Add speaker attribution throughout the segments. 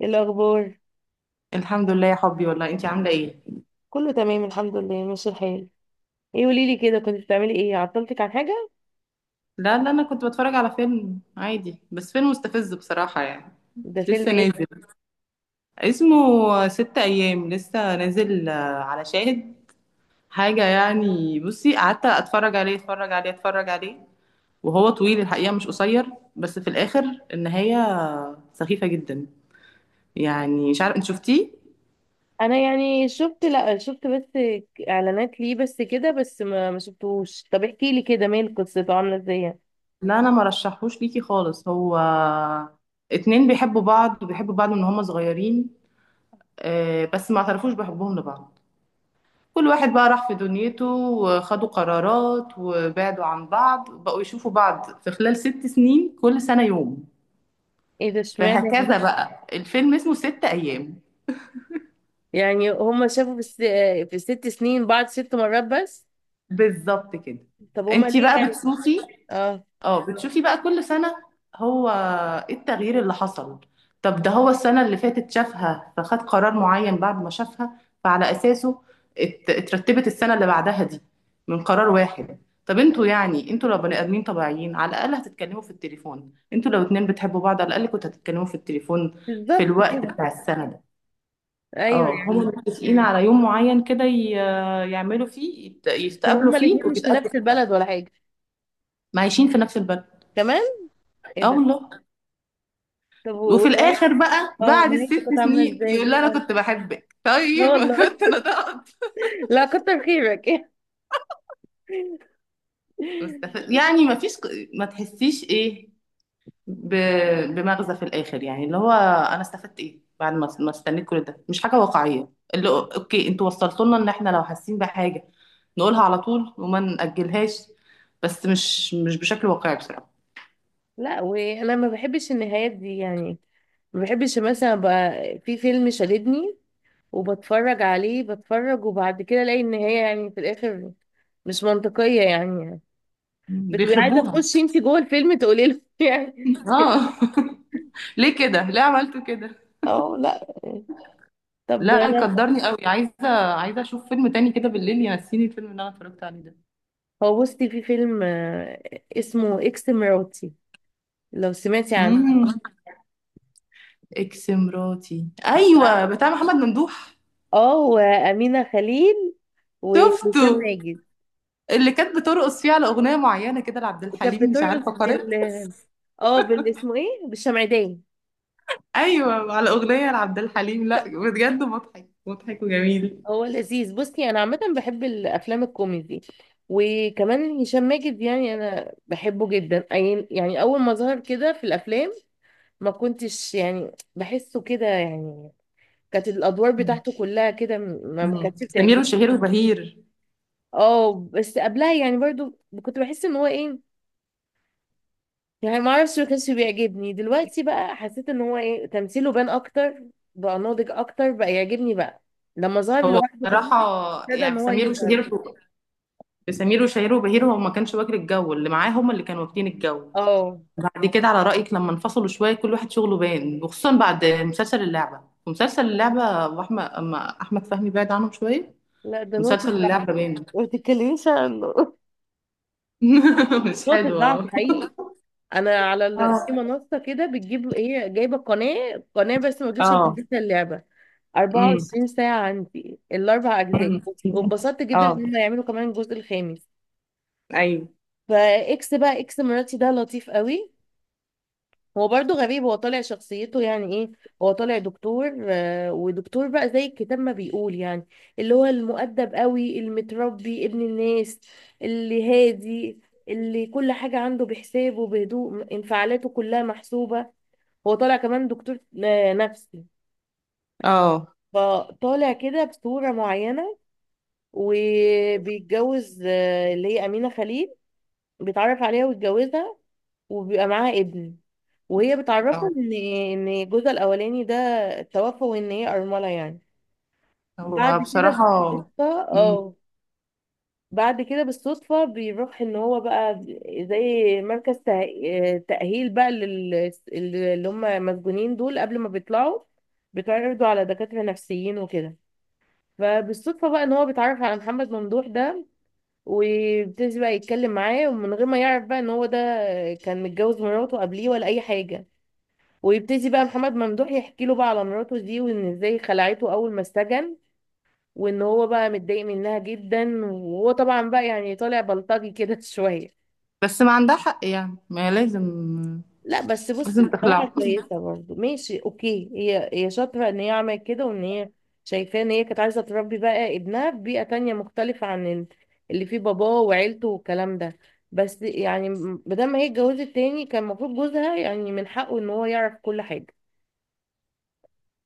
Speaker 1: إيه الاخبار؟
Speaker 2: الحمد لله يا حبي، والله انتي عامله ايه؟
Speaker 1: كله تمام الحمد لله ماشي الحال. ايه، قولي لي كده، كنت بتعملي ايه؟ عطلتك عن حاجه؟
Speaker 2: لا، لا، انا كنت بتفرج على فيلم عادي، بس فيلم مستفز بصراحه يعني.
Speaker 1: ده فيلم
Speaker 2: لسه
Speaker 1: ايه ده؟
Speaker 2: نازل اسمه 6 ايام. لسه نازل آه، على شاهد. حاجه يعني، بصي قعدت اتفرج عليه اتفرج عليه اتفرج عليه، وهو طويل الحقيقه، مش قصير، بس في الاخر النهايه سخيفه جدا. يعني مش عارف انت شفتيه؟
Speaker 1: انا يعني شفت، لا شفت بس اعلانات ليه بس كده، بس ما شفتهوش. طب احكي لي كده، مال قصته، عامله ازاي يعني؟
Speaker 2: لا، انا ما رشحهوش ليكي خالص، هو اتنين بيحبوا بعض وبيحبوا بعض من هما صغيرين، بس ما اعترفوش بحبهم لبعض. كل واحد بقى راح في دنيته، وخدوا قرارات وبعدوا عن بعض، بقوا يشوفوا بعض في خلال 6 سنين، كل سنة يوم.
Speaker 1: ايه ده اشمعنى؟
Speaker 2: فهكذا بقى، الفيلم اسمه 6 أيام.
Speaker 1: يعني هما شافوا في في الست سنين بعض ست مرات بس؟
Speaker 2: بالظبط كده.
Speaker 1: طب هما
Speaker 2: انتي
Speaker 1: ليه
Speaker 2: بقى
Speaker 1: يعني؟
Speaker 2: بتشوفي.
Speaker 1: اه،
Speaker 2: اه، بتشوفي بقى كل سنة. هو ايه التغيير اللي حصل؟ طب، ده هو السنة اللي فاتت شافها، فخد قرار معين بعد ما شافها، فعلى أساسه اترتبت السنة اللي بعدها دي من قرار واحد. طب انتوا، يعني انتوا لو بني آدمين طبيعيين على الأقل هتتكلموا في التليفون، انتوا لو اتنين بتحبوا بعض على الأقل كنتوا هتتكلموا في التليفون في
Speaker 1: بالظبط كده.
Speaker 2: الوقت بتاع السنة ده.
Speaker 1: ايوه
Speaker 2: اه، هما
Speaker 1: يعني.
Speaker 2: متفقين على يوم معين كده، يعملوا فيه
Speaker 1: كان
Speaker 2: يتقابلوا
Speaker 1: هما
Speaker 2: فيه
Speaker 1: الاتنين مش في نفس
Speaker 2: وبيتقابلوا فيه.
Speaker 1: البلد ولا حاجه؟
Speaker 2: معايشين في نفس البلد.
Speaker 1: كمان؟ ايه
Speaker 2: اه
Speaker 1: ده.
Speaker 2: والله.
Speaker 1: طب
Speaker 2: وفي
Speaker 1: ونهاية؟
Speaker 2: الاخر بقى
Speaker 1: اه،
Speaker 2: بعد
Speaker 1: نهايته
Speaker 2: الست
Speaker 1: كانت عامله
Speaker 2: سنين يقول
Speaker 1: ازاي؟
Speaker 2: لي انا
Speaker 1: اه،
Speaker 2: كنت بحبك،
Speaker 1: لا
Speaker 2: طيب
Speaker 1: والله.
Speaker 2: كنت انا ضغط.
Speaker 1: لا كتر خيرك.
Speaker 2: مستفز يعني، ما فيش، ما تحسيش ايه، ب... بمغزى في الاخر، يعني اللي هو انا استفدت ايه بعد ما استنيت كل ده، مش حاجه واقعيه. اللي هو اوكي، انتوا وصلتوا لنا ان احنا لو حاسين بحاجه نقولها على طول وما نأجلهاش، بس مش بشكل واقعي بصراحه.
Speaker 1: لا وانا ما بحبش النهايات دي يعني. ما بحبش مثلا بقى، في فيلم شددني وبتفرج عليه بتفرج، وبعد كده الاقي النهاية يعني في الاخر مش منطقية يعني. بتبقي عايزة
Speaker 2: بيخربوها.
Speaker 1: تخشي انت جوه الفيلم تقولي له يعني.
Speaker 2: اه، ليه كده، ليه عملتوا كده؟
Speaker 1: اه لا. طب
Speaker 2: لا،
Speaker 1: انا،
Speaker 2: كدرني قوي، عايزه عايزه اشوف فيلم تاني كده بالليل ينسيني الفيلم اللي انا اتفرجت عليه ده.
Speaker 1: هو بصي في فيلم اسمه اكس مراتي، لو سمعتي عنه.
Speaker 2: امم. اكس مراتي ايوه،
Speaker 1: بتاع-
Speaker 2: بتاع محمد ممدوح.
Speaker 1: اه، وامينة خليل وهشام
Speaker 2: شفته.
Speaker 1: ماجد.
Speaker 2: اللي كانت بترقص فيه على اغنيه معينه كده لعبد
Speaker 1: وكانت
Speaker 2: الحليم، مش
Speaker 1: بترقص
Speaker 2: عارفه قريت.
Speaker 1: بال، اه بال اسمه ايه، بالشمعدان.
Speaker 2: ايوه، على اغنيه لعبد الحليم. لا بجد مضحك مضحك وجميل.
Speaker 1: هو لذيذ، بصي انا عامه بحب الافلام الكوميدي. وكمان هشام ماجد يعني انا بحبه جدا. يعني اول ما ظهر كده في الافلام ما كنتش يعني بحسه كده يعني، كانت الادوار بتاعته كلها كده ما
Speaker 2: مم.
Speaker 1: كانتش
Speaker 2: سمير
Speaker 1: بتعجبني.
Speaker 2: وشهير وبهير.
Speaker 1: اه بس قبلها يعني برضو كنت بحس ان هو ايه، يعني ما اعرفش ما كانش بيعجبني. دلوقتي بقى حسيت ان هو ايه، تمثيله بان اكتر، بقى ناضج اكتر، بقى يعجبني بقى لما ظهر
Speaker 2: هو
Speaker 1: لوحده كمان،
Speaker 2: بصراحه
Speaker 1: ابتدى ان
Speaker 2: يعني،
Speaker 1: هو يظهر كده.
Speaker 2: في سمير وشهير وبهير هو ما كانش واكل الجو اللي معاه، هم اللي كانوا واكلين الجو.
Speaker 1: اه
Speaker 2: بعد كده على رأيك، لما انفصلوا شوية كل واحد شغله بان، وخصوصا بعد مسلسل اللعبة. ومسلسل اللعبة أبو أحمد، أما أحمد فهمي بعد عنهم شوية.
Speaker 1: لا، ده نقطة
Speaker 2: مسلسل اللعبة
Speaker 1: ضعفي،
Speaker 2: بان.
Speaker 1: ما تتكلميش عنه.
Speaker 2: مش
Speaker 1: نقطة
Speaker 2: حلو.
Speaker 1: ضعفي
Speaker 2: اه.
Speaker 1: حقيقي. انا على في منصة كده بتجيب ايه، جايبة قناة قناة، بس ما تقولش، انا
Speaker 2: اه.
Speaker 1: نزلت اللعبة
Speaker 2: امم.
Speaker 1: 24 ساعة، عندي الاربع اجزاء.
Speaker 2: أمم.
Speaker 1: واتبسطت جدا ان
Speaker 2: اه.
Speaker 1: هم يعملوا كمان الجزء الخامس.
Speaker 2: ايوه.
Speaker 1: فاكس بقى اكس مراتي ده لطيف قوي. هو برضو غريب، هو طالع شخصيته يعني ايه، هو طالع دكتور ودكتور بقى زي الكتاب ما بيقول يعني، اللي هو المؤدب قوي، المتربي، ابن الناس، اللي هادي، اللي كل حاجة عنده بحسابه، بهدوء، انفعالاته كلها محسوبة. هو طالع كمان دكتور نفسي،
Speaker 2: اه.
Speaker 1: فطالع كده بصورة معينة. وبيتجوز اللي هي أمينة خليل، بيتعرف عليها ويتجوزها، وبيبقى معاها ابن. وهي
Speaker 2: اه.
Speaker 1: بتعرفه ان جوزها الاولاني ده توفى، وان هي ارمله يعني. بعد
Speaker 2: هو
Speaker 1: كده
Speaker 2: بصراحة،
Speaker 1: بالصدفه،
Speaker 2: امم
Speaker 1: اه بعد كده بالصدفه بيروح ان هو بقى زي مركز تاهيل بقى لل، اللي هم مسجونين دول قبل ما بيطلعوا بيتعرضوا على دكاتره نفسيين وكده. فبالصدفه بقى ان هو بيتعرف على محمد ممدوح ده، وبيبتدي بقى يتكلم معاه، ومن غير ما يعرف بقى ان هو ده كان متجوز مراته قبليه ولا اي حاجه. ويبتدي بقى محمد ممدوح يحكي له بقى على مراته دي، وان ازاي خلعته اول ما اتسجن، وان هو بقى متضايق منها جدا. وهو طبعا بقى يعني طالع بلطجي كده شويه.
Speaker 2: بس ما عندها حق يعني، ما هي لازم،
Speaker 1: لا بس
Speaker 2: لازم
Speaker 1: بصي بصراحه
Speaker 2: تخلعه.
Speaker 1: كويسه برضه، ماشي اوكي، هي شاطره ان هي عملت كده، وان هي شايفاه ان هي كانت عايزه تربي بقى ابنها في بيئه تانية مختلفه عن اللي فيه باباه وعيلته والكلام ده. بس يعني، بدل ما هي اتجوزت تاني كان المفروض جوزها يعني من حقه ان هو يعرف كل حاجه.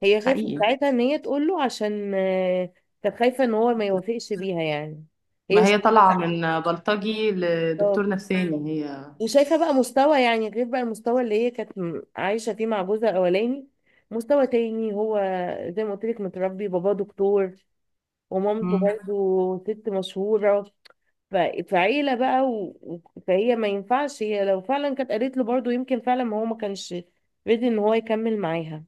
Speaker 1: هي خافت
Speaker 2: حقيقي.
Speaker 1: ساعتها ان هي تقول له عشان كانت خايفه ان هو ما يوافقش بيها يعني. هي
Speaker 2: ما هي طالعة
Speaker 1: شايفاه
Speaker 2: من بلطجي لدكتور
Speaker 1: خلاص.
Speaker 2: نفساني هي.
Speaker 1: وشايفه بقى مستوى يعني، غير بقى المستوى اللي هي كانت عايشه فيه مع جوزها الاولاني، مستوى تاني هو، زي ما قلت لك متربي، باباه دكتور ومامته
Speaker 2: مم.
Speaker 1: برضو ست مشهوره. ف- فعيله بقى فهي ما ينفعش، هي لو فعلا كانت قالت له برضو يمكن فعلا ما هو ما كانش ريدي ان هو يكمل معاها.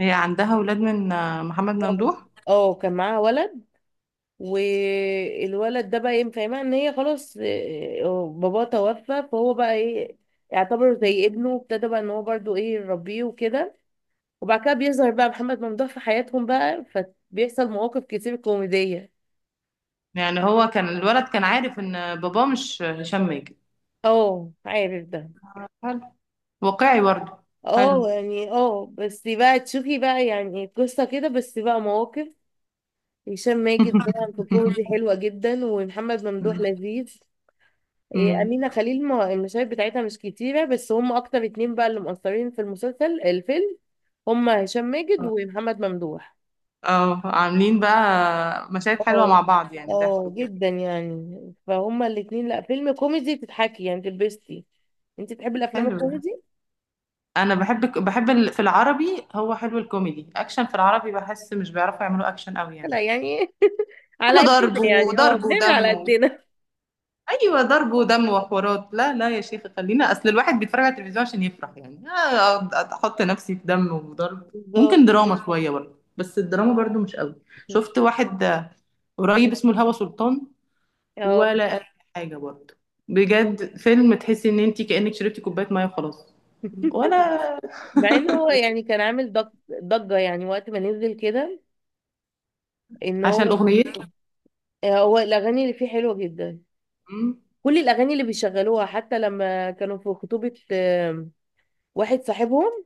Speaker 2: هي عندها ولاد من محمد
Speaker 1: اه
Speaker 2: ممدوح؟
Speaker 1: كان معاها ولد. والولد ده بقى ايه، فاهمها ان هي خلاص باباه توفى. فهو بقى ايه، يعتبر زي ابنه، وابتدى بقى ان هو برضو ايه يربيه وكده. وبعد كده بيظهر بقى محمد ممدوح في حياتهم بقى، فبيحصل مواقف كتير كوميدية.
Speaker 2: يعني هو كان الولد كان عارف ان باباه مش هشام ماجد؟
Speaker 1: اه عارف ده.
Speaker 2: حلو. واقعي برضه. حلو.
Speaker 1: اه يعني، اه بس بقى تشوفي بقى، يعني قصة كده بس بقى مواقف. هشام ماجد طبعا في الكوميدي حلوة جدا، ومحمد ممدوح لذيذ. إيه،
Speaker 2: أمم.
Speaker 1: أمينة خليل ما المشاهد بتاعتها مش كتيرة، بس هم أكتر اتنين بقى اللي مؤثرين في المسلسل الفيلم هم هشام ماجد ومحمد ممدوح.
Speaker 2: اه، عاملين بقى مشاهد حلوة
Speaker 1: اه،
Speaker 2: مع بعض، يعني ضحك
Speaker 1: اه
Speaker 2: وكده.
Speaker 1: جدا يعني. فهم الاتنين لا فيلم كوميدي تتحكي يعني تلبستي. انت تحبي الأفلام
Speaker 2: حلو ده.
Speaker 1: الكوميدي؟
Speaker 2: انا بحب في العربي، هو حلو الكوميدي اكشن، في العربي بحس مش بيعرفوا يعملوا اكشن قوي يعني.
Speaker 1: لا يعني على
Speaker 2: كله ضرب
Speaker 1: قدنا يعني، اه
Speaker 2: وضرب
Speaker 1: بنعمل على
Speaker 2: ودم.
Speaker 1: قدنا.
Speaker 2: ايوه، ضرب ودم وحوارات. لا لا يا شيخ، خلينا، اصل الواحد بيتفرج على التلفزيون عشان يفرح، يعني أقعد احط نفسي في دم وضرب؟ ممكن
Speaker 1: بالظبط.
Speaker 2: دراما شويه برضه، بس الدراما برضه مش قوي. شفت واحد قريب اسمه الهوى سلطان،
Speaker 1: اه،
Speaker 2: ولا اي حاجه برضه. بجد فيلم تحسي ان انت كانك شربتي كوبايه ميه وخلاص، ولا.
Speaker 1: مع ان هو يعني كان عامل ضجة يعني وقت ما نزل كده، ان
Speaker 2: عشان
Speaker 1: هو
Speaker 2: اغنيته.
Speaker 1: هو الأغاني اللي فيه حلوة جدا.
Speaker 2: أمم.
Speaker 1: كل الاغاني اللي بيشغلوها، حتى لما كانوا في خطوبة واحد صاحبهم،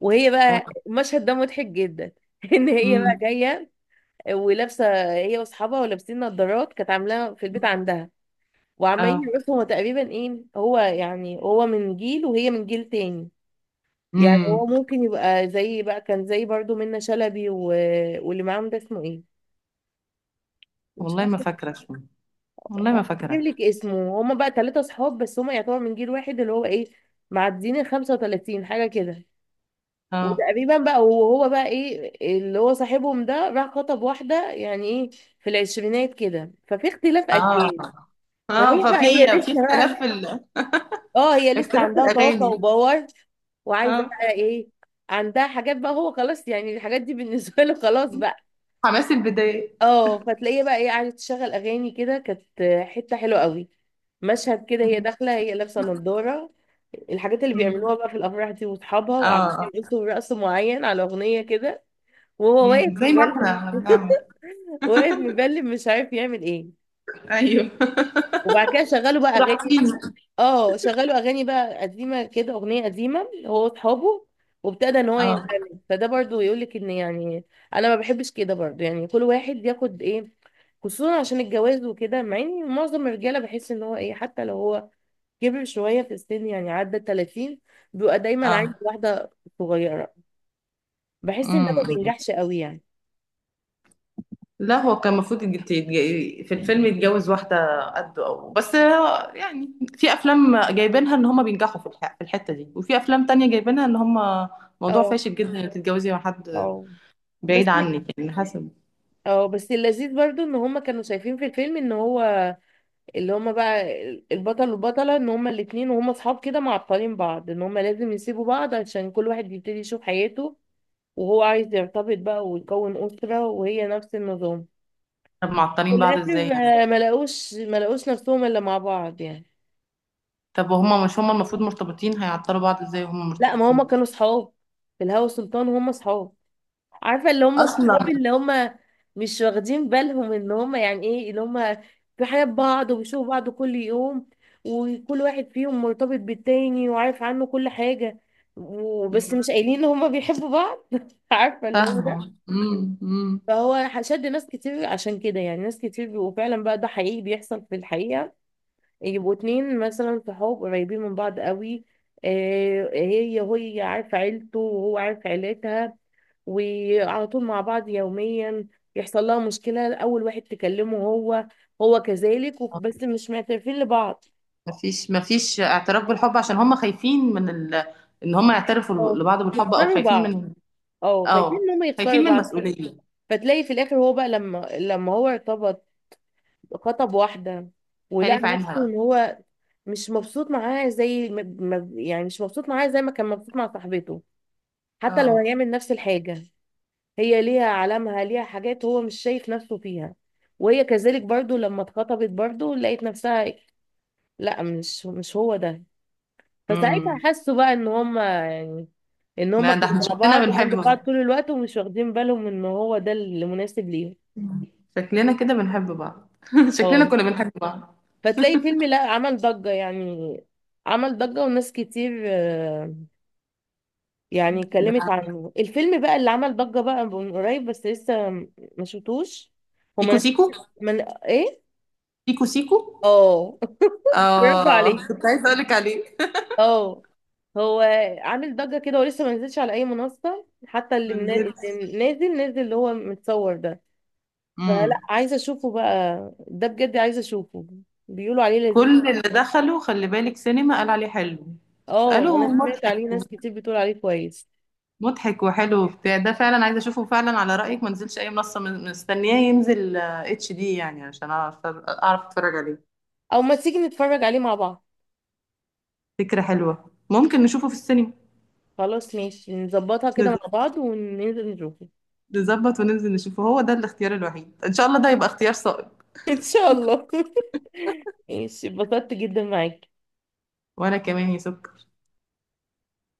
Speaker 1: وهي
Speaker 2: اه.
Speaker 1: بقى المشهد ده مضحك جدا، ان هي بقى
Speaker 2: أمم.
Speaker 1: جايه ولابسه، هي واصحابها ولابسين نظارات كانت عاملاها في البيت عندها، وعمالين
Speaker 2: اه.
Speaker 1: يرقصوا. هما تقريبا ايه، هو يعني هو من جيل وهي من جيل تاني. يعني هو
Speaker 2: أمم.
Speaker 1: ممكن يبقى زي بقى، كان زي برضو منة شلبي واللي معاهم ده اسمه ايه، مش
Speaker 2: والله ما
Speaker 1: عارفه،
Speaker 2: فاكره اسمه، والله ما
Speaker 1: اجيب
Speaker 2: فاكره.
Speaker 1: لك اسمه. هما بقى ثلاثة صحاب، بس هما يعتبر من جيل واحد، اللي هو ايه، معديين ال 35 حاجة كده
Speaker 2: اه.
Speaker 1: وتقريبا بقى. وهو بقى ايه اللي هو صاحبهم ده، راح خطب واحدة يعني ايه في العشرينات كده، ففي اختلاف
Speaker 2: اه.
Speaker 1: اجيال.
Speaker 2: اه.
Speaker 1: فهي بقى،
Speaker 2: ففي
Speaker 1: هي
Speaker 2: في
Speaker 1: لسه
Speaker 2: اختلاف
Speaker 1: بقى،
Speaker 2: في ال...
Speaker 1: اه هي لسه
Speaker 2: اختلاف في
Speaker 1: عندها طاقة
Speaker 2: الاغاني.
Speaker 1: وباور، وعايزة
Speaker 2: اه،
Speaker 1: بقى ايه، عندها حاجات بقى، هو خلاص يعني الحاجات دي بالنسبة له خلاص بقى.
Speaker 2: حماس البداية.
Speaker 1: اه فتلاقيها بقى ايه، قعدت تشغل اغاني كده، كانت حته حلوه قوي. مشهد كده هي داخله، هي لابسه نظاره، الحاجات اللي
Speaker 2: مم.
Speaker 1: بيعملوها بقى في الافراح دي، واصحابها وقعدوا
Speaker 2: اه.
Speaker 1: يرقصوا رقص معين على اغنيه كده، وهو واقف
Speaker 2: مم. زي ما
Speaker 1: مبلم
Speaker 2: احنا بنعمل.
Speaker 1: واقف مبلم مش عارف يعمل ايه.
Speaker 2: ايوه.
Speaker 1: وبعد كده شغلوا بقى اغاني،
Speaker 2: راحتين.
Speaker 1: اه شغلوا اغاني بقى قديمه كده، اغنيه قديمه، هو واصحابه، وابتدى ان هو
Speaker 2: اه.
Speaker 1: يندمج. فده برضو يقول لك ان يعني، انا ما بحبش كده برضو يعني كل واحد ياخد ايه، خصوصا عشان الجواز وكده. مع ان معظم الرجاله بحس ان هو ايه، حتى لو هو كبر شويه في السن يعني عدى 30 بيبقى دايما عايز
Speaker 2: اه.
Speaker 1: واحده صغيره. بحس ان ده ما
Speaker 2: مم.
Speaker 1: بينجحش قوي يعني.
Speaker 2: لا، هو كان المفروض في الفيلم يتجوز واحدة قده أو، بس هو يعني، في أفلام جايبينها إن هما بينجحوا في الحتة دي، وفي أفلام تانية جايبينها إن هما موضوع
Speaker 1: اه،
Speaker 2: فاشل جدا إنك تتجوزي مع حد
Speaker 1: اه بس،
Speaker 2: بعيد عنك يعني، حسب.
Speaker 1: اه بس اللذيذ برضو ان هما كانوا شايفين في الفيلم ان هو، اللي هما بقى البطل والبطلة، ان هما الاتنين وهما صحاب كده معطلين بعض، ان هما لازم يسيبوا بعض عشان كل واحد يبتدي يشوف حياته. وهو عايز يرتبط بقى ويكون أسرة، وهي نفس النظام.
Speaker 2: طب
Speaker 1: في
Speaker 2: معطلين بعض
Speaker 1: الآخر
Speaker 2: إزاي يعني؟
Speaker 1: ما لقوش، ما لقوش نفسهم إلا مع بعض يعني.
Speaker 2: طب وهما مش، هما المفروض مرتبطين، هيعطلوا بعض ازاي وهما
Speaker 1: لا ما هما
Speaker 2: مرتبطين
Speaker 1: كانوا صحاب، في الهوى سلطان هما صحاب، عارفه اللي هم
Speaker 2: اصلا؟
Speaker 1: صحابي اللي هم مش واخدين بالهم ان هم يعني ايه، اللي هم في حياة بعض وبيشوفوا بعض كل يوم، وكل واحد فيهم مرتبط بالتاني وعارف عنه كل حاجة، وبس مش
Speaker 2: مم.
Speaker 1: قايلين ان هم بيحبوا بعض عارفه اللي هو ده.
Speaker 2: فاهمة. مم. مم.
Speaker 1: فهو شد ناس كتير عشان كده يعني، ناس كتير. وفعلا بقى ده حقيقي بيحصل في الحقيقة، يبقوا اتنين مثلا صحاب قريبين من بعض قوي، هي عارفة عيلته وهو عارف عيلتها، وعلى طول مع بعض يوميا، يحصل لها مشكلة أول واحد تكلمه هو، هو كذلك، بس مش معترفين لبعض.
Speaker 2: مفيش اعتراف بالحب عشان هما خايفين من ال... ان هما يعترفوا
Speaker 1: اه،
Speaker 2: لبعض بالحب، او
Speaker 1: يخسروا
Speaker 2: خايفين
Speaker 1: بعض،
Speaker 2: من،
Speaker 1: اه خايفين
Speaker 2: اه،
Speaker 1: ان هم يخسروا
Speaker 2: خايفين من
Speaker 1: بعض.
Speaker 2: مسؤولية،
Speaker 1: فتلاقي في الاخر هو بقى، لما هو ارتبط، خطب واحدة، ولقى
Speaker 2: خايف
Speaker 1: نفسه
Speaker 2: عنها
Speaker 1: ان
Speaker 2: بقى.
Speaker 1: هو مش مبسوط معاها زي ما يعني مش مبسوط معاها زي ما كان مبسوط مع صاحبته، حتى لو
Speaker 2: اه.
Speaker 1: هيعمل نفس الحاجة. هي ليها علامها، ليها حاجات هو مش شايف نفسه فيها. وهي كذلك برضو، لما اتخطبت برضو لقيت نفسها لا مش هو ده. فساعتها
Speaker 2: امم.
Speaker 1: حسوا بقى ان هما يعني، ان هما
Speaker 2: لا ده
Speaker 1: كانوا
Speaker 2: احنا
Speaker 1: مع
Speaker 2: شكلنا
Speaker 1: بعض جنب
Speaker 2: بنحب بعض،
Speaker 1: بعض طول الوقت ومش واخدين بالهم ان هو ده اللي مناسب ليهم.
Speaker 2: شكلنا كده بنحب بعض، شكلنا
Speaker 1: اه،
Speaker 2: كنا بنحب بعض.
Speaker 1: فتلاقي فيلم لا عمل ضجة يعني، عمل ضجة وناس كتير يعني اتكلمت
Speaker 2: ده
Speaker 1: عنه. الفيلم بقى اللي عمل ضجة بقى من قريب بس لسه ما شفتوش،
Speaker 2: سيكو
Speaker 1: هما
Speaker 2: سيكو.
Speaker 1: من ايه؟
Speaker 2: سيكو سيكو.
Speaker 1: اه برافو
Speaker 2: اه،
Speaker 1: عليك.
Speaker 2: كنت عايزه اقول لك عليه.
Speaker 1: اه، هو عامل ضجة كده ولسه ما نزلش على اي منصة، حتى اللي,
Speaker 2: ما
Speaker 1: اللي نازل نازل اللي هو متصور ده. فلا
Speaker 2: نزلت.
Speaker 1: عايزة اشوفه بقى، ده بجد عايزة اشوفه، بيقولوا عليه لذيذ.
Speaker 2: كل اللي دخلوا خلي بالك سينما قال عليه حلو،
Speaker 1: اه
Speaker 2: قالوا
Speaker 1: انا سمعت
Speaker 2: مضحك
Speaker 1: عليه ناس كتير بتقول عليه كويس.
Speaker 2: مضحك وحلو وبتاع ده، فعلا عايزه اشوفه، فعلا على رايك ما نزلش اي منصه، مستنياه ينزل HD يعني عشان اعرف اتفرج عليه.
Speaker 1: او ما تيجي نتفرج عليه مع بعض؟
Speaker 2: فكره حلوه، ممكن نشوفه في السينما.
Speaker 1: خلاص ماشي نظبطها كده مع
Speaker 2: نز-
Speaker 1: بعض وننزل نشوفه.
Speaker 2: نظبط وننزل نشوفه، هو ده الاختيار الوحيد، ان شاء الله ده يبقى اختيار صائب.
Speaker 1: ان شاء الله. ماشي، اتبسطت جدا معاكي.
Speaker 2: وانا كمان يا سكر.